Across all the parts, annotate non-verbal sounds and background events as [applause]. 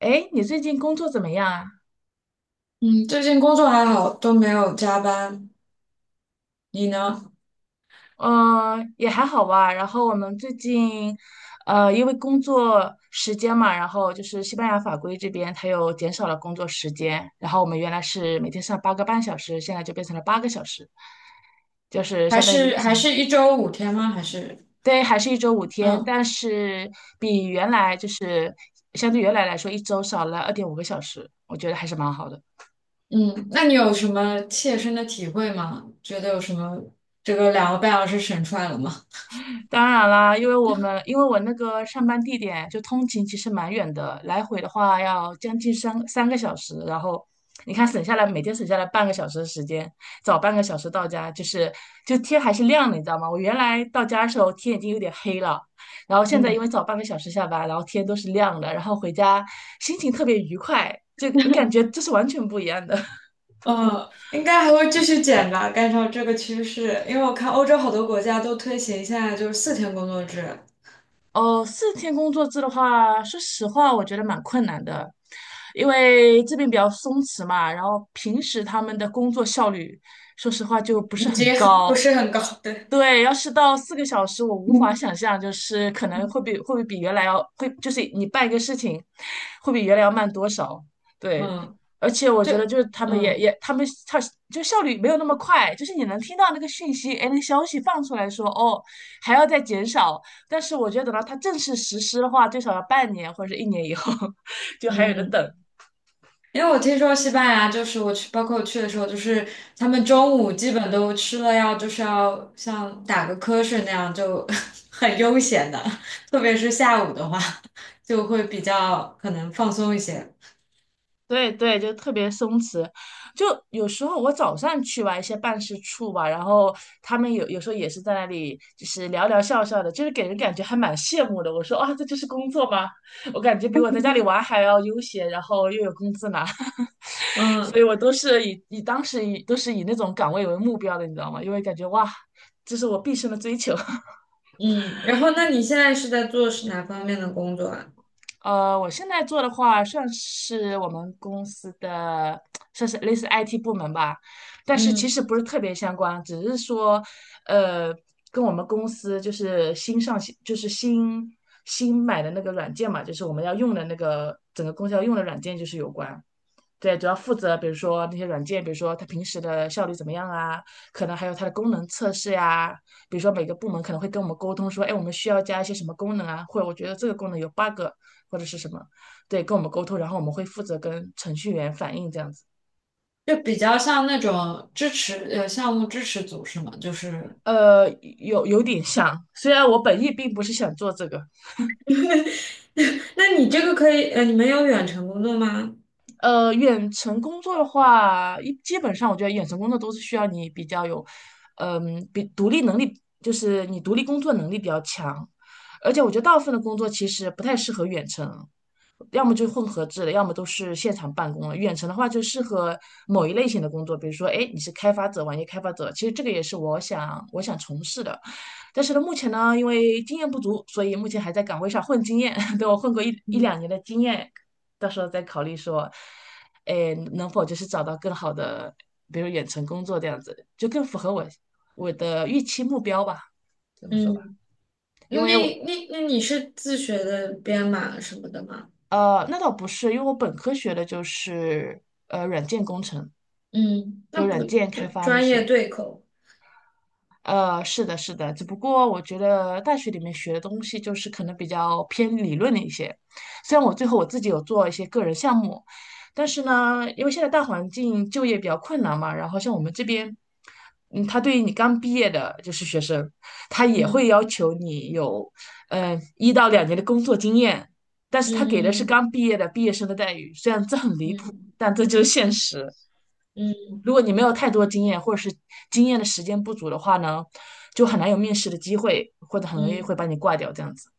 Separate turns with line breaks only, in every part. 哎，你最近工作怎么样啊？
嗯，最近工作还好，都没有加班。你呢？
也还好吧。然后我们最近，因为工作时间嘛，然后就是西班牙法规这边它又减少了工作时间，然后我们原来是每天上8个半小时，现在就变成了8个小时，就是
还
相当于一个
是
星
还
期。
是1周5天吗？还是
对，还是一周5天，
嗯
但是比原来就是相对原来来说，一周少了2.5个小时，我觉得还是蛮好的。
嗯？那你有什么切身的体会吗？觉得有什么这个2个半小时省出来了吗？
[laughs] 当然啦，因为我那个上班地点就通勤其实蛮远的，来回的话要将近三个小时，然后你看省下来每天省下来半个小时的时间，早半个小时到家，就是天还是亮的，你知道吗？我原来到家的时候天已经有点黑了，然后现在因为
嗯，
早半个小时下班，然后天都是亮的，然后回家心情特别愉快，这个感觉这是完全不一样的。
嗯，应该还会继续减吧，按照这个趋势，因为我看欧洲好多国家都推行现在就是4天工作制。
哦，4天工作制的话，说实话，我觉得蛮困难的，因为这边比较松弛嘛，然后平时他们的工作效率，说实话就不是
已经
很
不
高，
是很高，对。
对，要是到4个小时，我无法
嗯
想象，就是可能会比会不会比原来要会，就是你办一个事情，会比原来要慢多少？对，
嗯，
而且我觉得
这
就是他们也
嗯
也他们他就效率没有那么快，就是你能听到那个讯息，哎，那个消息放出来说哦还要再减少，但是我觉得等到它正式实施的话，最少要半年或者是一年以后，[laughs] 就还有的等。
嗯。因为我听说西班牙就是我去，包括我去的时候，就是他们中午基本都吃了要就是要像打个瞌睡那样就 [laughs] 很悠闲的，特别是下午的话就会比较可能放松一些。
对对，就特别松弛。就有时候我早上去吧，一些办事处吧，然后他们有时候也是在那里，就是聊聊笑笑的，就是给人感觉还蛮羡慕的。我说啊，这就是工作吗？我感觉比我在家里玩还要悠闲，然后又有工资拿，[laughs] 所以
嗯
我都是以以当时以都是以那种岗位为目标的，你知道吗？因为感觉哇，这是我毕生的追求。[laughs]
嗯，然后那你现在是在做是哪方面的工作啊？
我现在做的话，算是我们公司的，算是类似 IT 部门吧，但是其
嗯，
实不是特别相关，只是说，呃，跟我们公司就是新上线，就是新买的那个软件嘛，就是我们要用的那个整个公司要用的软件就是有关。对，主要负责比如说那些软件，比如说它平时的效率怎么样啊，可能还有它的功能测试呀、比如说每个部门可能会跟我们沟通说，哎，我们需要加一些什么功能啊，或者我觉得这个功能有 bug 或者是什么，对，跟我们沟通，然后我们会负责跟程序员反映这样子。
就比较像那种支持项目支持组是吗？就是，
呃，有点像，虽然我本意并不是想做这个，
[laughs] 那你这个可以呃，你们有远程工作吗？
远程工作的话，基本上我觉得远程工作都是需要你比较有，比独立能力，就是你独立工作能力比较强，而且我觉得大部分的工作其实不太适合远程，要么就混合制的，要么都是现场办公了。远程的话就适合某一类型的工作，比如说，哎，你是开发者，网页开发者，其实这个也是我想从事的。但是呢，目前呢，因为经验不足，所以目前还在岗位上混经验，[laughs] 等我混过一
嗯
两年的经验，到时候再考虑说，哎，能否就是找到更好的，比如远程工作这样子，就更符合我的预期目标吧，这么说吧。
嗯。那
因为我
那你是自学的编码什么的吗？
呃，那倒不是，因为我本科学的就是软件工程，
嗯，那
就
不
软件
就
开发那
专业
些。
对口？
是的，是的，只不过我觉得大学里面学的东西就是可能比较偏理论的一些。虽然我最后我自己有做一些个人项目，但是呢，因为现在大环境就业比较困难嘛，然后像我们这边，他对于你刚毕业的就是学生，他也会
嗯
要求你有，1到2年的工作经验，但是他给的是
嗯
刚毕业的毕业生的待遇，虽然这很
嗯
离谱，
嗯
但这就是现实。
嗯
如果你没有太多经验，或者是经验的时间不足的话呢，就很难有面试的机会，或者很容易会把
嗯
你挂掉这样子。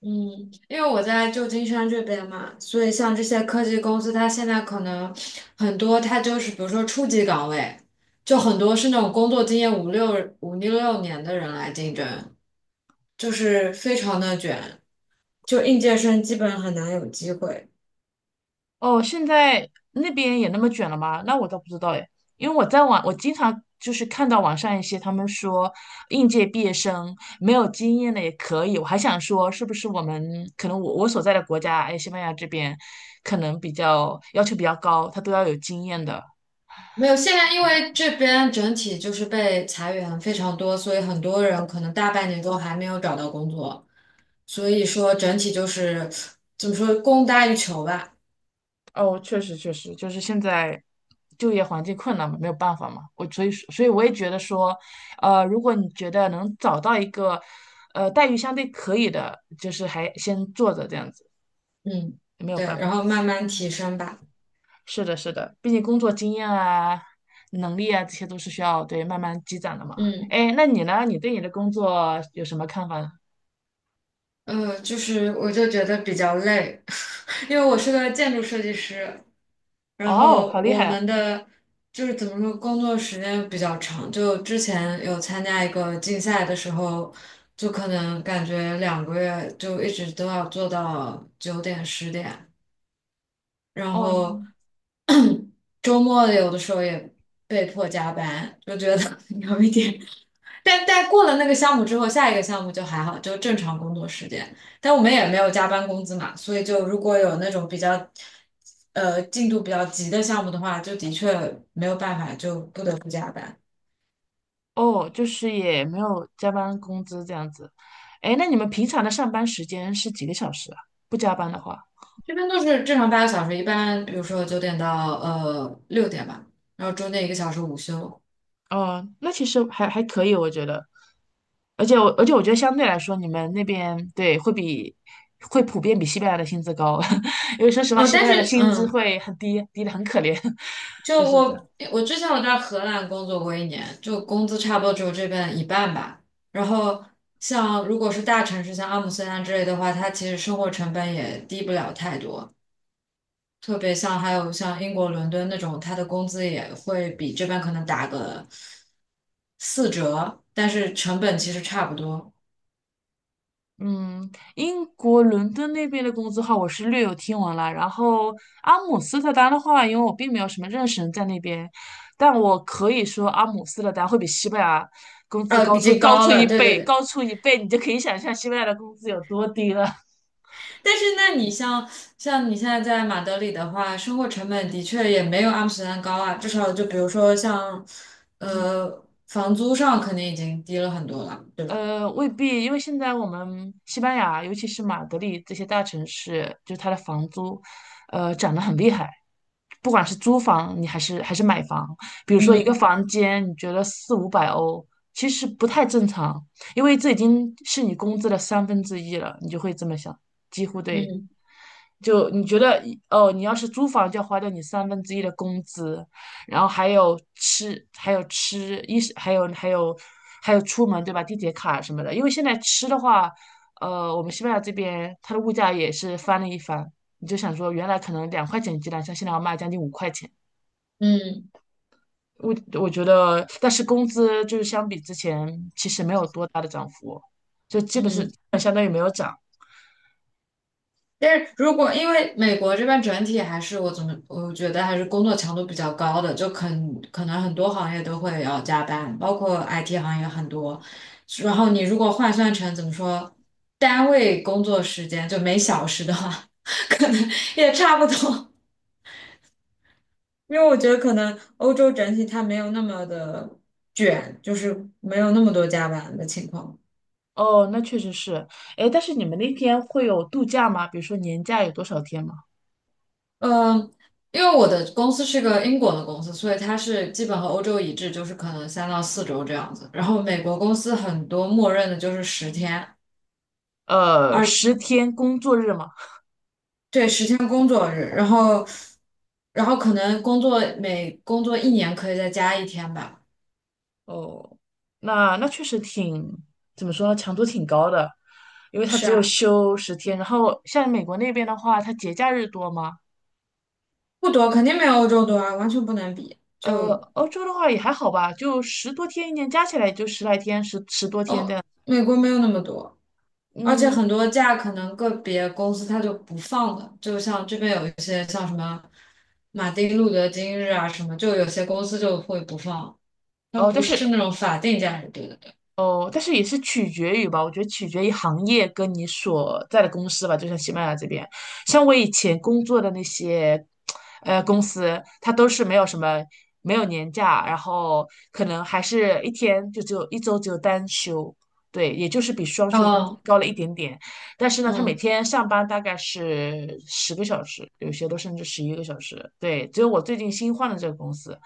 嗯，嗯，因为我在旧金山这边嘛，所以像这些科技公司，它现在可能很多，它就是比如说初级岗位，就很多是那种工作经验五六年的人来竞争，就是非常的卷，就应届生基本很难有机会。
哦，现在那边也那么卷了吗？那我倒不知道哎，因为我在网，我经常就是看到网上一些他们说应届毕业生没有经验的也可以，我还想说是不是我们可能我所在的国家，哎，西班牙这边可能比较要求比较高，他都要有经验的。
没有，现在因为这边整体就是被裁员非常多，所以很多人可能大半年都还没有找到工作，所以说整体就是怎么说，供大于求吧。
哦，确实确实，就是现在就业环境困难嘛，没有办法嘛。我所以所以我也觉得说，如果你觉得能找到一个，待遇相对可以的，就是还先做着这样子，
嗯，
没有
对，
办
然
法。
后慢慢提升吧。
是的，是的，毕竟工作经验啊、能力啊，这些都是需要对慢慢积攒的嘛。
嗯，
哎，那你呢？你对你的工作有什么看法呢？
呃，就是我就觉得比较累，[laughs] 因为我是个建筑设计师，然
哦，
后
好厉害
我
啊！
们的就是怎么说，工作时间比较长。就之前有参加一个竞赛的时候，就可能感觉2个月就一直都要做到9点10点，然
哦，
后周末有的时候也被迫加班，就觉得 [laughs] 有一点。但过了那个项目之后，下一个项目就还好，就正常工作时间。但我们也没有加班工资嘛，所以就如果有那种比较，呃，进度比较急的项目的话，就的确没有办法，就不得不加班。
哦，就是也没有加班工资这样子。哎，那你们平常的上班时间是几个小时啊？不加班的话，
这边都是正常8个小时，一般比如说九点到呃6点吧，然后中间1个小时午休。
嗯，那其实还可以，我觉得。而且我觉得相对来说，你们那边对会比会普遍比西班牙的薪资高，[laughs] 因为说实话，
呃，
西
但
班牙的
是
薪资
嗯，
会很低，低的很可怜，[laughs]
就
就是这样。
我之前我在荷兰工作过一年，就工资差不多只有这边一半吧。然后像如果是大城市，像阿姆斯特丹之类的话，它其实生活成本也低不了太多。特别像还有像英国伦敦那种，它的工资也会比这边可能打个4折，但是成本其实差不多。
嗯，英国伦敦那边的工资的话，我是略有听闻了。然后阿姆斯特丹的话，因为我并没有什么认识人在那边，但我可以说阿姆斯特丹会比西班牙工资
呃，
高
已
出
经
高
高
出一
了，对对
倍，
对。
高出一倍，你就可以想象西班牙的工资有多低了。
但是，那你像你现在在马德里的话，生活成本的确也没有阿姆斯特丹高啊，至少就比如说像，
[laughs] 嗯。
呃，房租上肯定已经低了很多了，对吧？
未必，因为现在我们西班牙，尤其是马德里这些大城市，就是它的房租，涨得很厉害。不管是租房，你还是买房，比如说一个
嗯
房间，你觉得四五百欧，其实不太正常，因为这已经是你工资的三分之一了，你就会这么想，几乎对。
嗯
就你觉得哦，你要是租房就要花掉你三分之一的工资，然后还有吃，还有吃衣食，还有出门对吧？地铁卡什么的，因为现在吃的话，我们西班牙这边它的物价也是翻了一番。你就想说，原来可能2块钱一鸡蛋，像现在要卖将近5块钱。
嗯
我我觉得，但是工资就是相比之前其实没有多大的涨幅，就基本是
嗯。
相当于没有涨。
但是如果因为美国这边整体还是我怎么我觉得还是工作强度比较高的，就可能很多行业都会要加班，包括 IT 行业很多。然后你如果换算成怎么说，单位工作时间就每小时的话，[laughs] 可能也差不多。因为我觉得可能欧洲整体它没有那么的卷，就是没有那么多加班的情况。
哦，那确实是。哎，但是你们那天会有度假吗？比如说年假有多少天吗？
嗯，因为我的公司是个英国的公司，所以它是基本和欧洲一致，就是可能3到4周这样子。然后美国公司很多默认的就是十天，二，
10天工作日吗？
对，10天工作日。然后，可能每工作一年可以再加1天吧。
哦，那确实挺，怎么说呢，强度挺高的，因为它
是
只有
啊，
休十天。然后像美国那边的话，它节假日多吗？
不多，肯定没有欧洲多啊，完全不能比。就
欧洲的话也还好吧，就十多天，一年加起来也就十来天，十多天这
哦，
样。
美国没有那么多。而且
嗯，
很多假可能个别公司它就不放的，就像这边有一些像什么马丁路德金日啊什么，就有些公司就会不放，它
哦，
不是那种法定假日，对对对。
但是也是取决于吧，我觉得取决于行业跟你所在的公司吧。就像西班牙这边，像我以前工作的那些，公司，它都是没有年假，然后可能还是一天就只有一周只有单休，对，也就是比双休的工资
哦，
高了一点点。但是呢，他每
嗯，
天上班大概是10个小时，有些都甚至11个小时。对，只有我最近新换的这个公司，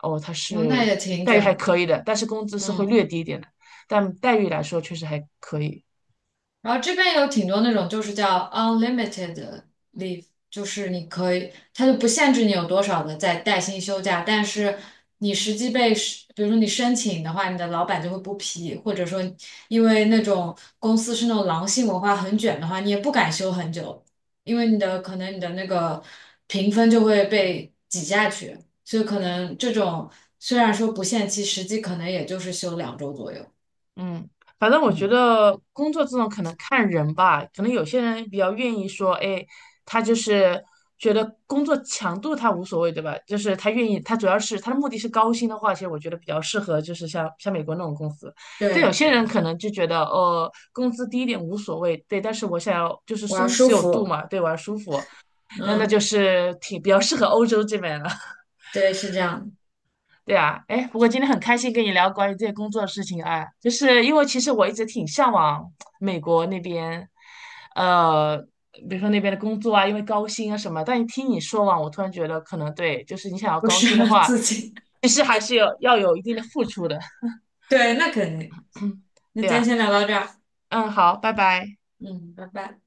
哦，它
哦，那
是
也挺
待遇还
卷的，
可以的，但是工资是会
嗯。
略低一点的。但待遇来说确实还可以。
然后这边有挺多那种就是叫 unlimited leave，就是你可以，它就不限制你有多少的在带薪休假，但是你实际被是比如说你申请的话，你的老板就会不批，或者说因为那种公司是那种狼性文化很卷的话，你也不敢休很久，因为你的可能你的那个评分就会被挤下去，所以可能这种虽然说不限期，实际可能也就是休2周左右。
嗯，反正我觉
嗯，
得工作这种可能看人吧，可能有些人比较愿意说，哎，他就是觉得工作强度他无所谓，对吧？就是他愿意，他主要是他的目的是高薪的话，其实我觉得比较适合就是像美国那种公司。但有
对，
些人可能就觉得，哦，工资低一点无所谓，对，但是我想要就是
我要
松
舒
弛有度
服。
嘛，对，我要舒服，那就
嗯。
是挺比较适合欧洲这边了。
对，是这样的，
对啊，哎，不过今天很开心跟你聊关于这些工作的事情啊，就是因为其实我一直挺向往美国那边，呃，比如说那边的工作啊，因为高薪啊什么。但一听你说完，我突然觉得可能对，就是你想要
不
高
适
薪的
合
话，
自己。
其实还是有要有一定的付出的。
[laughs] 对，那肯定。那
对
今天
呀，
先聊到这儿，
嗯，好，拜拜。
嗯，拜拜。